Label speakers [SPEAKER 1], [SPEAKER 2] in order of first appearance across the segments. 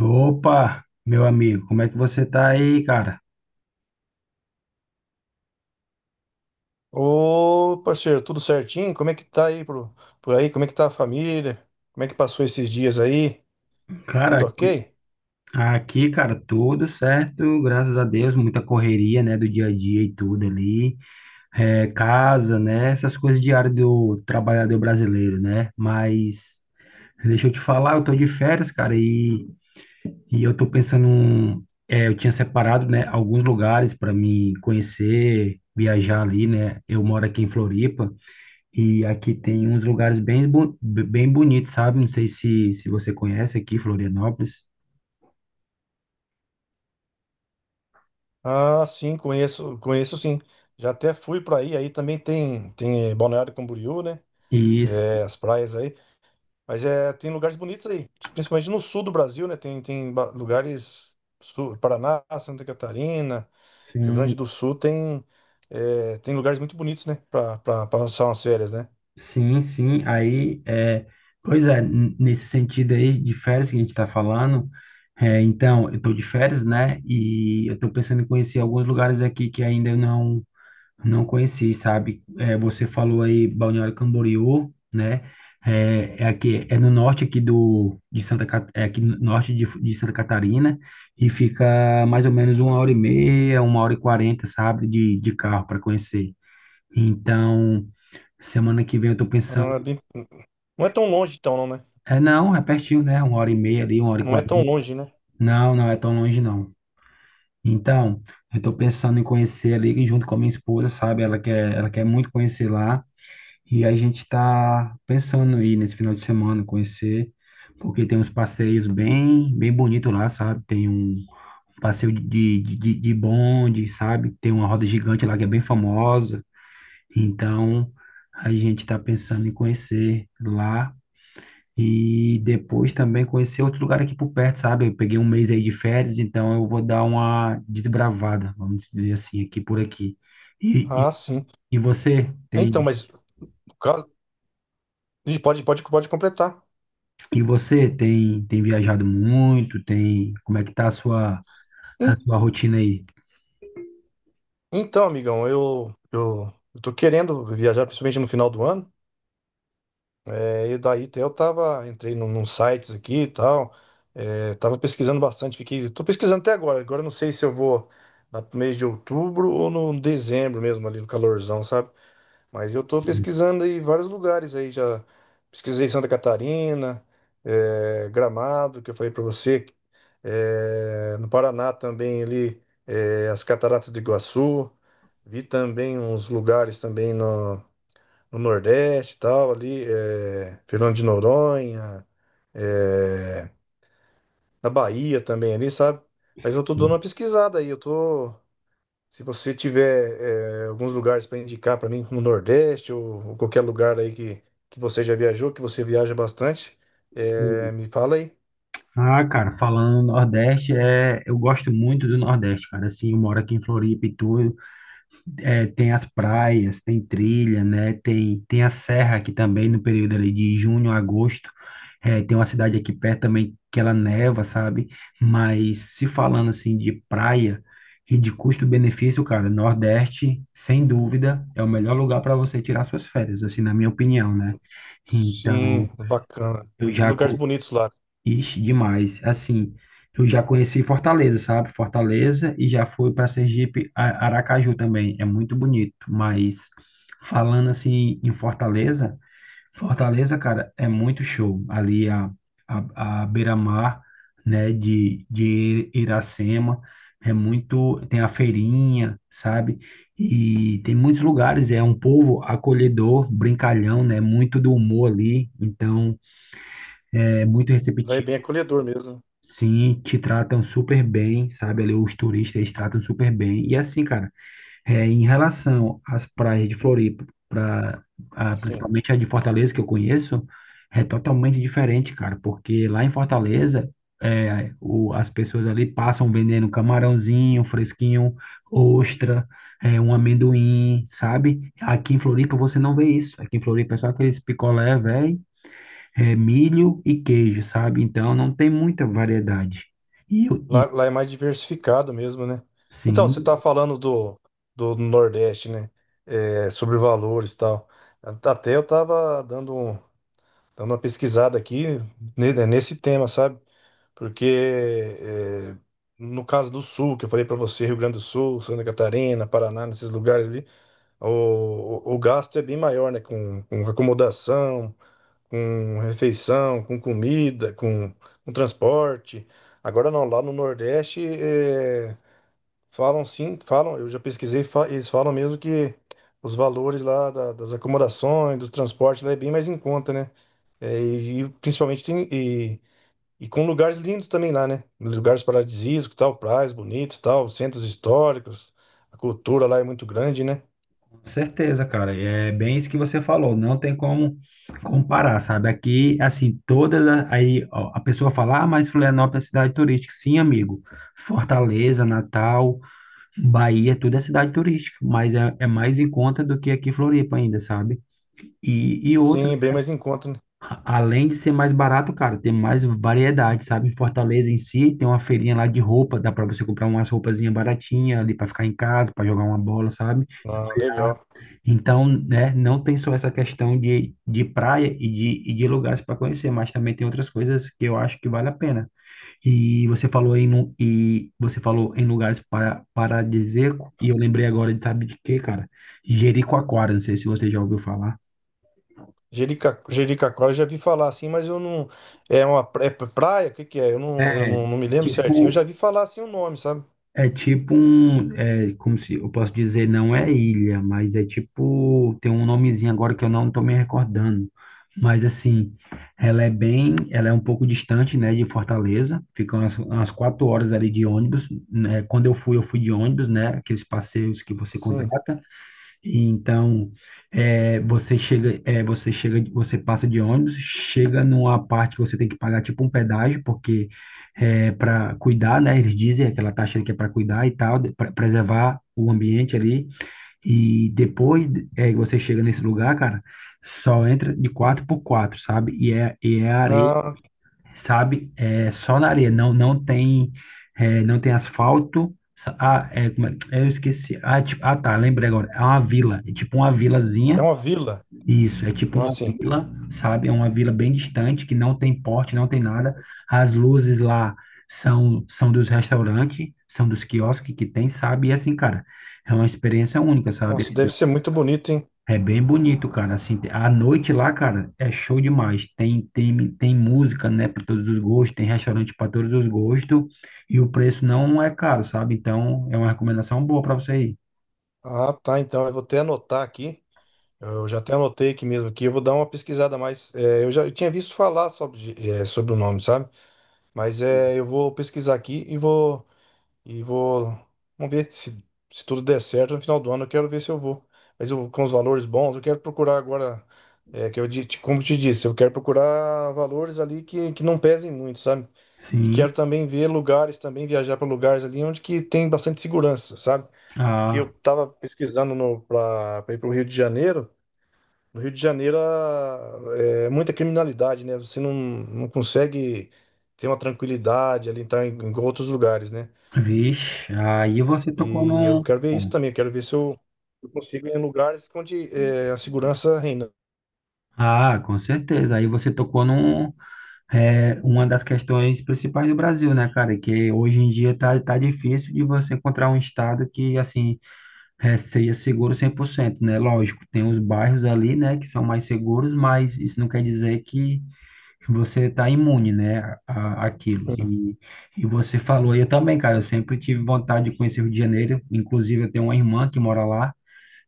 [SPEAKER 1] Opa, meu amigo, como é que você tá aí, cara?
[SPEAKER 2] Ô, parceiro, tudo certinho? Como é que tá por aí? Como é que tá a família? Como é que passou esses dias aí?
[SPEAKER 1] Cara,
[SPEAKER 2] Tudo
[SPEAKER 1] aqui,
[SPEAKER 2] ok?
[SPEAKER 1] aqui, cara, tudo certo, graças a Deus, muita correria, né, do dia a dia e tudo ali, é, casa, né, essas coisas diárias do trabalhador brasileiro, né? Mas, deixa eu te falar, eu tô de férias, cara, e eu tô pensando, eu tinha separado, né, alguns lugares para me conhecer, viajar ali, né? Eu moro aqui em Floripa. E aqui tem uns lugares bem bonitos, sabe? Não sei se você conhece aqui, Florianópolis.
[SPEAKER 2] Ah, sim, conheço, conheço sim. Já até fui pra aí, aí também tem Balneário Camboriú, né?
[SPEAKER 1] E s-
[SPEAKER 2] É, as praias aí, mas é tem lugares bonitos aí, principalmente no sul do Brasil, né? Tem lugares sul, Paraná, Santa Catarina, Rio Grande do
[SPEAKER 1] sim,
[SPEAKER 2] Sul tem tem lugares muito bonitos, né? Pra pra passar umas férias, né?
[SPEAKER 1] sim, sim. Aí, pois é, nesse sentido aí de férias que a gente está falando, então, eu estou de férias, né? E eu estou pensando em conhecer alguns lugares aqui que ainda eu não conheci, sabe? É, você falou aí Balneário Camboriú, né? É aqui, é no norte aqui do de Santa Ca- é aqui no norte de Santa Catarina, e fica mais ou menos uma hora e meia, uma hora e quarenta, sabe? De carro para conhecer. Então, semana que vem eu tô
[SPEAKER 2] Ah,
[SPEAKER 1] pensando.
[SPEAKER 2] bem- não é tão longe então, não, né?
[SPEAKER 1] É não, é pertinho, né? Uma hora e meia ali, uma hora e
[SPEAKER 2] Não é tão
[SPEAKER 1] quarenta.
[SPEAKER 2] longe, né?
[SPEAKER 1] Não, não é tão longe não. Então, eu tô pensando em conhecer ali junto com a minha esposa, sabe? Ela quer muito conhecer lá. E a gente está pensando em ir nesse final de semana conhecer, porque tem uns passeios bem, bem bonitos lá, sabe? Tem um passeio de bonde, sabe? Tem uma roda gigante lá que é bem famosa. Então, a gente está pensando em conhecer lá e depois também conhecer outro lugar aqui por perto, sabe? Eu peguei um mês aí de férias, então eu vou dar uma desbravada, vamos dizer assim, aqui por aqui. E, e,
[SPEAKER 2] Ah, sim.
[SPEAKER 1] e você
[SPEAKER 2] É. Então,
[SPEAKER 1] tem.
[SPEAKER 2] mas no caso- pode, pode, pode completar.
[SPEAKER 1] E você tem viajado muito? Tem, como é que tá a sua, a
[SPEAKER 2] En-
[SPEAKER 1] sua rotina aí?
[SPEAKER 2] Então, amigão, eu tô querendo viajar, principalmente no final do ano. É, e daí até eu tava, entrei num sites aqui e tal. É, tava pesquisando bastante, fiquei. Tô pesquisando até agora. Agora eu não sei se eu vou lá pro mês de outubro ou no dezembro mesmo, ali no calorzão, sabe? Mas eu tô pesquisando aí vários lugares aí já. Pesquisei Santa Catarina, Gramado, que eu falei pra você. No Paraná também ali, as Cataratas do Iguaçu. Vi também uns lugares também no Nordeste e tal, ali, Fernando de Noronha, eh, na Bahia também ali, sabe? Mas eu tô dando uma pesquisada aí, eu tô. Se você tiver alguns lugares para indicar para mim, como Nordeste ou qualquer lugar aí que você já viajou, que você viaja bastante,
[SPEAKER 1] Sim.
[SPEAKER 2] me fala aí.
[SPEAKER 1] Ah, cara, falando no Nordeste, eu gosto muito do Nordeste, cara. Assim, eu moro aqui em Floripa e tudo. Tem as praias, tem trilha, né? Tem a serra aqui também, no período ali de junho a agosto. Tem uma cidade aqui perto também que ela neva, sabe? Mas se falando assim de praia e de custo-benefício, cara, Nordeste, sem dúvida, é o melhor lugar para você tirar suas férias, assim, na minha opinião, né? Então,
[SPEAKER 2] Sim, bacana.
[SPEAKER 1] eu
[SPEAKER 2] Tem
[SPEAKER 1] já,
[SPEAKER 2] lugares
[SPEAKER 1] co-
[SPEAKER 2] bonitos lá.
[SPEAKER 1] ixi, demais. Assim, eu já conheci Fortaleza, sabe? Fortaleza e já fui para Sergipe, Aracaju também. É muito bonito, mas falando assim em Fortaleza, cara, é muito show. Ali a beira-mar, né, de Iracema, tem a feirinha, sabe? E tem muitos lugares, é um povo acolhedor, brincalhão, né? Muito do humor ali, então é muito
[SPEAKER 2] Lá é bem
[SPEAKER 1] receptivo.
[SPEAKER 2] acolhedor mesmo, né?
[SPEAKER 1] Sim, te tratam super bem, sabe? Ali os turistas eles tratam super bem. E assim, cara, em relação às praias de Floripa,
[SPEAKER 2] Sim.
[SPEAKER 1] principalmente a de Fortaleza que eu conheço, é totalmente diferente, cara, porque lá em Fortaleza, as pessoas ali passam vendendo camarãozinho fresquinho, ostra, um amendoim, sabe? Aqui em Floripa você não vê isso. Aqui em Floripa é só aqueles picolé, velho, é milho e queijo, sabe? Então não tem muita variedade. E, eu- e
[SPEAKER 2] Lá, lá é mais diversificado mesmo, né? Então, você está
[SPEAKER 1] sim,
[SPEAKER 2] falando do Nordeste, né? É, sobre valores e tal. Até eu estava dando uma pesquisada aqui nesse tema, sabe? Porque é, no caso do Sul, que eu falei para você, Rio Grande do Sul, Santa Catarina, Paraná, nesses lugares ali, o, o gasto é bem maior, né? Com acomodação, com refeição, com comida, com transporte. Agora não, lá no Nordeste é, falam sim, falam, eu já pesquisei, eles falam mesmo que os valores lá das acomodações, do transporte lá é bem mais em conta, né? E principalmente tem. E com lugares lindos também lá, né? Lugares paradisíacos, tal, praias bonitas, tal, centros históricos. A cultura lá é muito grande, né?
[SPEAKER 1] com certeza, cara. É bem isso que você falou. Não tem como comparar, sabe? Aqui, assim, aí ó, a pessoa fala, ah, mas Florianópolis é cidade turística. Sim, amigo. Fortaleza, Natal, Bahia, tudo é cidade turística, mas é mais em conta do que aqui em Floripa ainda, sabe? E outra,
[SPEAKER 2] Sim, bem mais em conta, né?
[SPEAKER 1] além de ser mais barato, cara, tem mais variedade, sabe? Em Fortaleza em si, tem uma feirinha lá de roupa, dá pra você comprar umas roupazinhas baratinhas ali pra ficar em casa, pra jogar uma bola, sabe?
[SPEAKER 2] Ah, legal.
[SPEAKER 1] Então, né, não tem só essa questão de praia e de lugares para conhecer, mas também tem outras coisas que eu acho que vale a pena. E você falou em, lu- e você falou em lugares paradisíaco, e eu lembrei agora de, sabe de quê, cara? Jericoacoara, não sei se você já ouviu falar.
[SPEAKER 2] Jerica, Jericoacoara eu já vi falar assim, mas eu não. É é praia? O que que é? Eu
[SPEAKER 1] É,
[SPEAKER 2] não, não me
[SPEAKER 1] é
[SPEAKER 2] lembro certinho. Eu já
[SPEAKER 1] tipo,
[SPEAKER 2] vi falar assim o nome, sabe?
[SPEAKER 1] É tipo um, como se eu posso dizer, não é ilha, mas é tipo, tem um nomezinho agora que eu não tô me recordando. Mas assim, ela é um pouco distante, né, de Fortaleza. Fica umas 4 horas ali de ônibus, né? Quando eu fui de ônibus, né? Aqueles passeios que você
[SPEAKER 2] Sim.
[SPEAKER 1] contrata. E então, você passa de ônibus, chega numa parte que você tem que pagar tipo um pedágio, porque é para cuidar, né? Eles dizem aquela taxa que é para cuidar e tal, para preservar o ambiente ali. E depois, você chega nesse lugar, cara, só entra de 4x4, sabe? E é areia,
[SPEAKER 2] Ah,
[SPEAKER 1] sabe? É só na areia, não tem asfalto. Ah, eu esqueci. Ah, é tipo, ah, tá, lembrei agora. É uma vila, é tipo uma
[SPEAKER 2] é
[SPEAKER 1] vilazinha.
[SPEAKER 2] uma vila.
[SPEAKER 1] Isso, é tipo uma
[SPEAKER 2] Nossa, sim.
[SPEAKER 1] vila, sabe? É uma vila bem distante, que não tem porte, não tem nada. As luzes lá são dos restaurantes, são dos quiosques que tem, sabe? E assim, cara, é uma experiência única, sabe?
[SPEAKER 2] Nossa, deve ser muito bonito, hein?
[SPEAKER 1] É bem bonito, cara. Assim, a noite lá, cara, é show demais. Tem música, né, para todos os gostos, tem restaurante para todos os gostos e o preço não é caro, sabe? Então, é uma recomendação boa para você ir.
[SPEAKER 2] Ah, tá. Então eu vou até anotar aqui. Eu já até anotei aqui mesmo aqui, eu vou dar uma pesquisada a mais. É, eu já eu tinha visto falar sobre, é, sobre o nome, sabe? Mas é, eu vou pesquisar aqui e vou vamos ver se, se tudo der certo no final do ano. Eu quero ver se eu vou. Mas eu, com os valores bons, eu quero procurar agora, é, como eu te disse, eu quero procurar valores ali que não pesem muito, sabe? E quero
[SPEAKER 1] Sim.
[SPEAKER 2] também ver lugares, também viajar para lugares ali onde que tem bastante segurança, sabe? Porque eu
[SPEAKER 1] Ah,
[SPEAKER 2] estava pesquisando no, para ir para o Rio de Janeiro. No Rio de Janeiro é muita criminalidade, né? Você não consegue ter uma tranquilidade ali tá, em, em outros lugares, né?
[SPEAKER 1] vixe. Aí você
[SPEAKER 2] E
[SPEAKER 1] tocou
[SPEAKER 2] eu
[SPEAKER 1] num.
[SPEAKER 2] quero ver isso também. Eu quero ver se eu, eu consigo ir em lugares onde é, a segurança reina.
[SPEAKER 1] Ah, com certeza. Aí você tocou num, uma das questões principais do Brasil, né, cara? Que hoje em dia tá difícil de você encontrar um estado que, assim, seja seguro 100%, né? Lógico, tem os bairros ali, né, que são mais seguros, mas isso não quer dizer que você está imune, né, aquilo.
[SPEAKER 2] Hum.
[SPEAKER 1] E você falou, eu também, cara, eu sempre tive vontade de conhecer o Rio de Janeiro, inclusive eu tenho uma irmã que mora lá,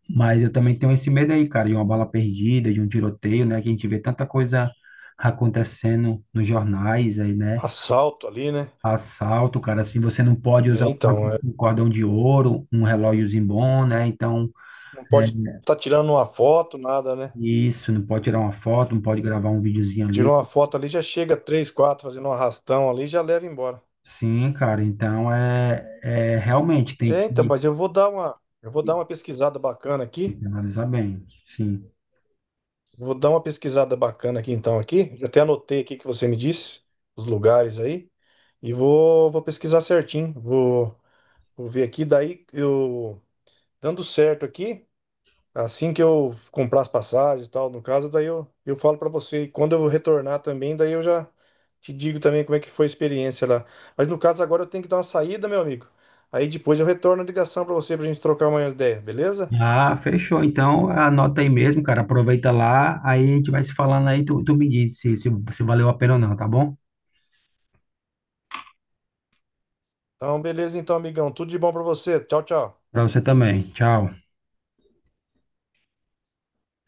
[SPEAKER 1] mas eu também tenho esse medo aí, cara, de uma bala perdida, de um tiroteio, né, que a gente vê tanta coisa acontecendo nos jornais aí, né?
[SPEAKER 2] Assalto ali, né?
[SPEAKER 1] Assalto, cara, assim, você não pode
[SPEAKER 2] É,
[SPEAKER 1] usar
[SPEAKER 2] então, é,
[SPEAKER 1] um cordão de ouro, um relógiozinho bom, né? Então,
[SPEAKER 2] não
[SPEAKER 1] é,
[SPEAKER 2] pode estar tirando uma foto, nada, né?
[SPEAKER 1] isso, não pode tirar uma foto, não pode gravar um videozinho ali.
[SPEAKER 2] Tirou uma foto ali, já chega três, quatro fazendo um arrastão ali, e já leva embora.
[SPEAKER 1] Sim, cara, então é realmente tem
[SPEAKER 2] É, então,
[SPEAKER 1] que,
[SPEAKER 2] mas eu vou eu vou dar uma pesquisada bacana
[SPEAKER 1] tem
[SPEAKER 2] aqui.
[SPEAKER 1] que analisar bem, sim.
[SPEAKER 2] Vou dar uma pesquisada bacana aqui então aqui. Até anotei aqui que você me disse os lugares aí e vou, vou pesquisar certinho. Vou, vou ver aqui daí eu dando certo aqui, assim que eu comprar as passagens e tal, no caso, daí eu falo pra você e quando eu retornar também, daí eu já te digo também como é que foi a experiência lá. Mas no caso agora eu tenho que dar uma saída, meu amigo. Aí depois eu retorno a ligação pra você pra gente trocar uma ideia, beleza?
[SPEAKER 1] Ah, fechou. Então anota aí mesmo, cara. Aproveita lá, aí a gente vai se falando aí, tu me diz se valeu a pena ou não, tá bom?
[SPEAKER 2] Então, beleza então, amigão. Tudo de bom pra você. Tchau, tchau.
[SPEAKER 1] Pra você também. Tchau.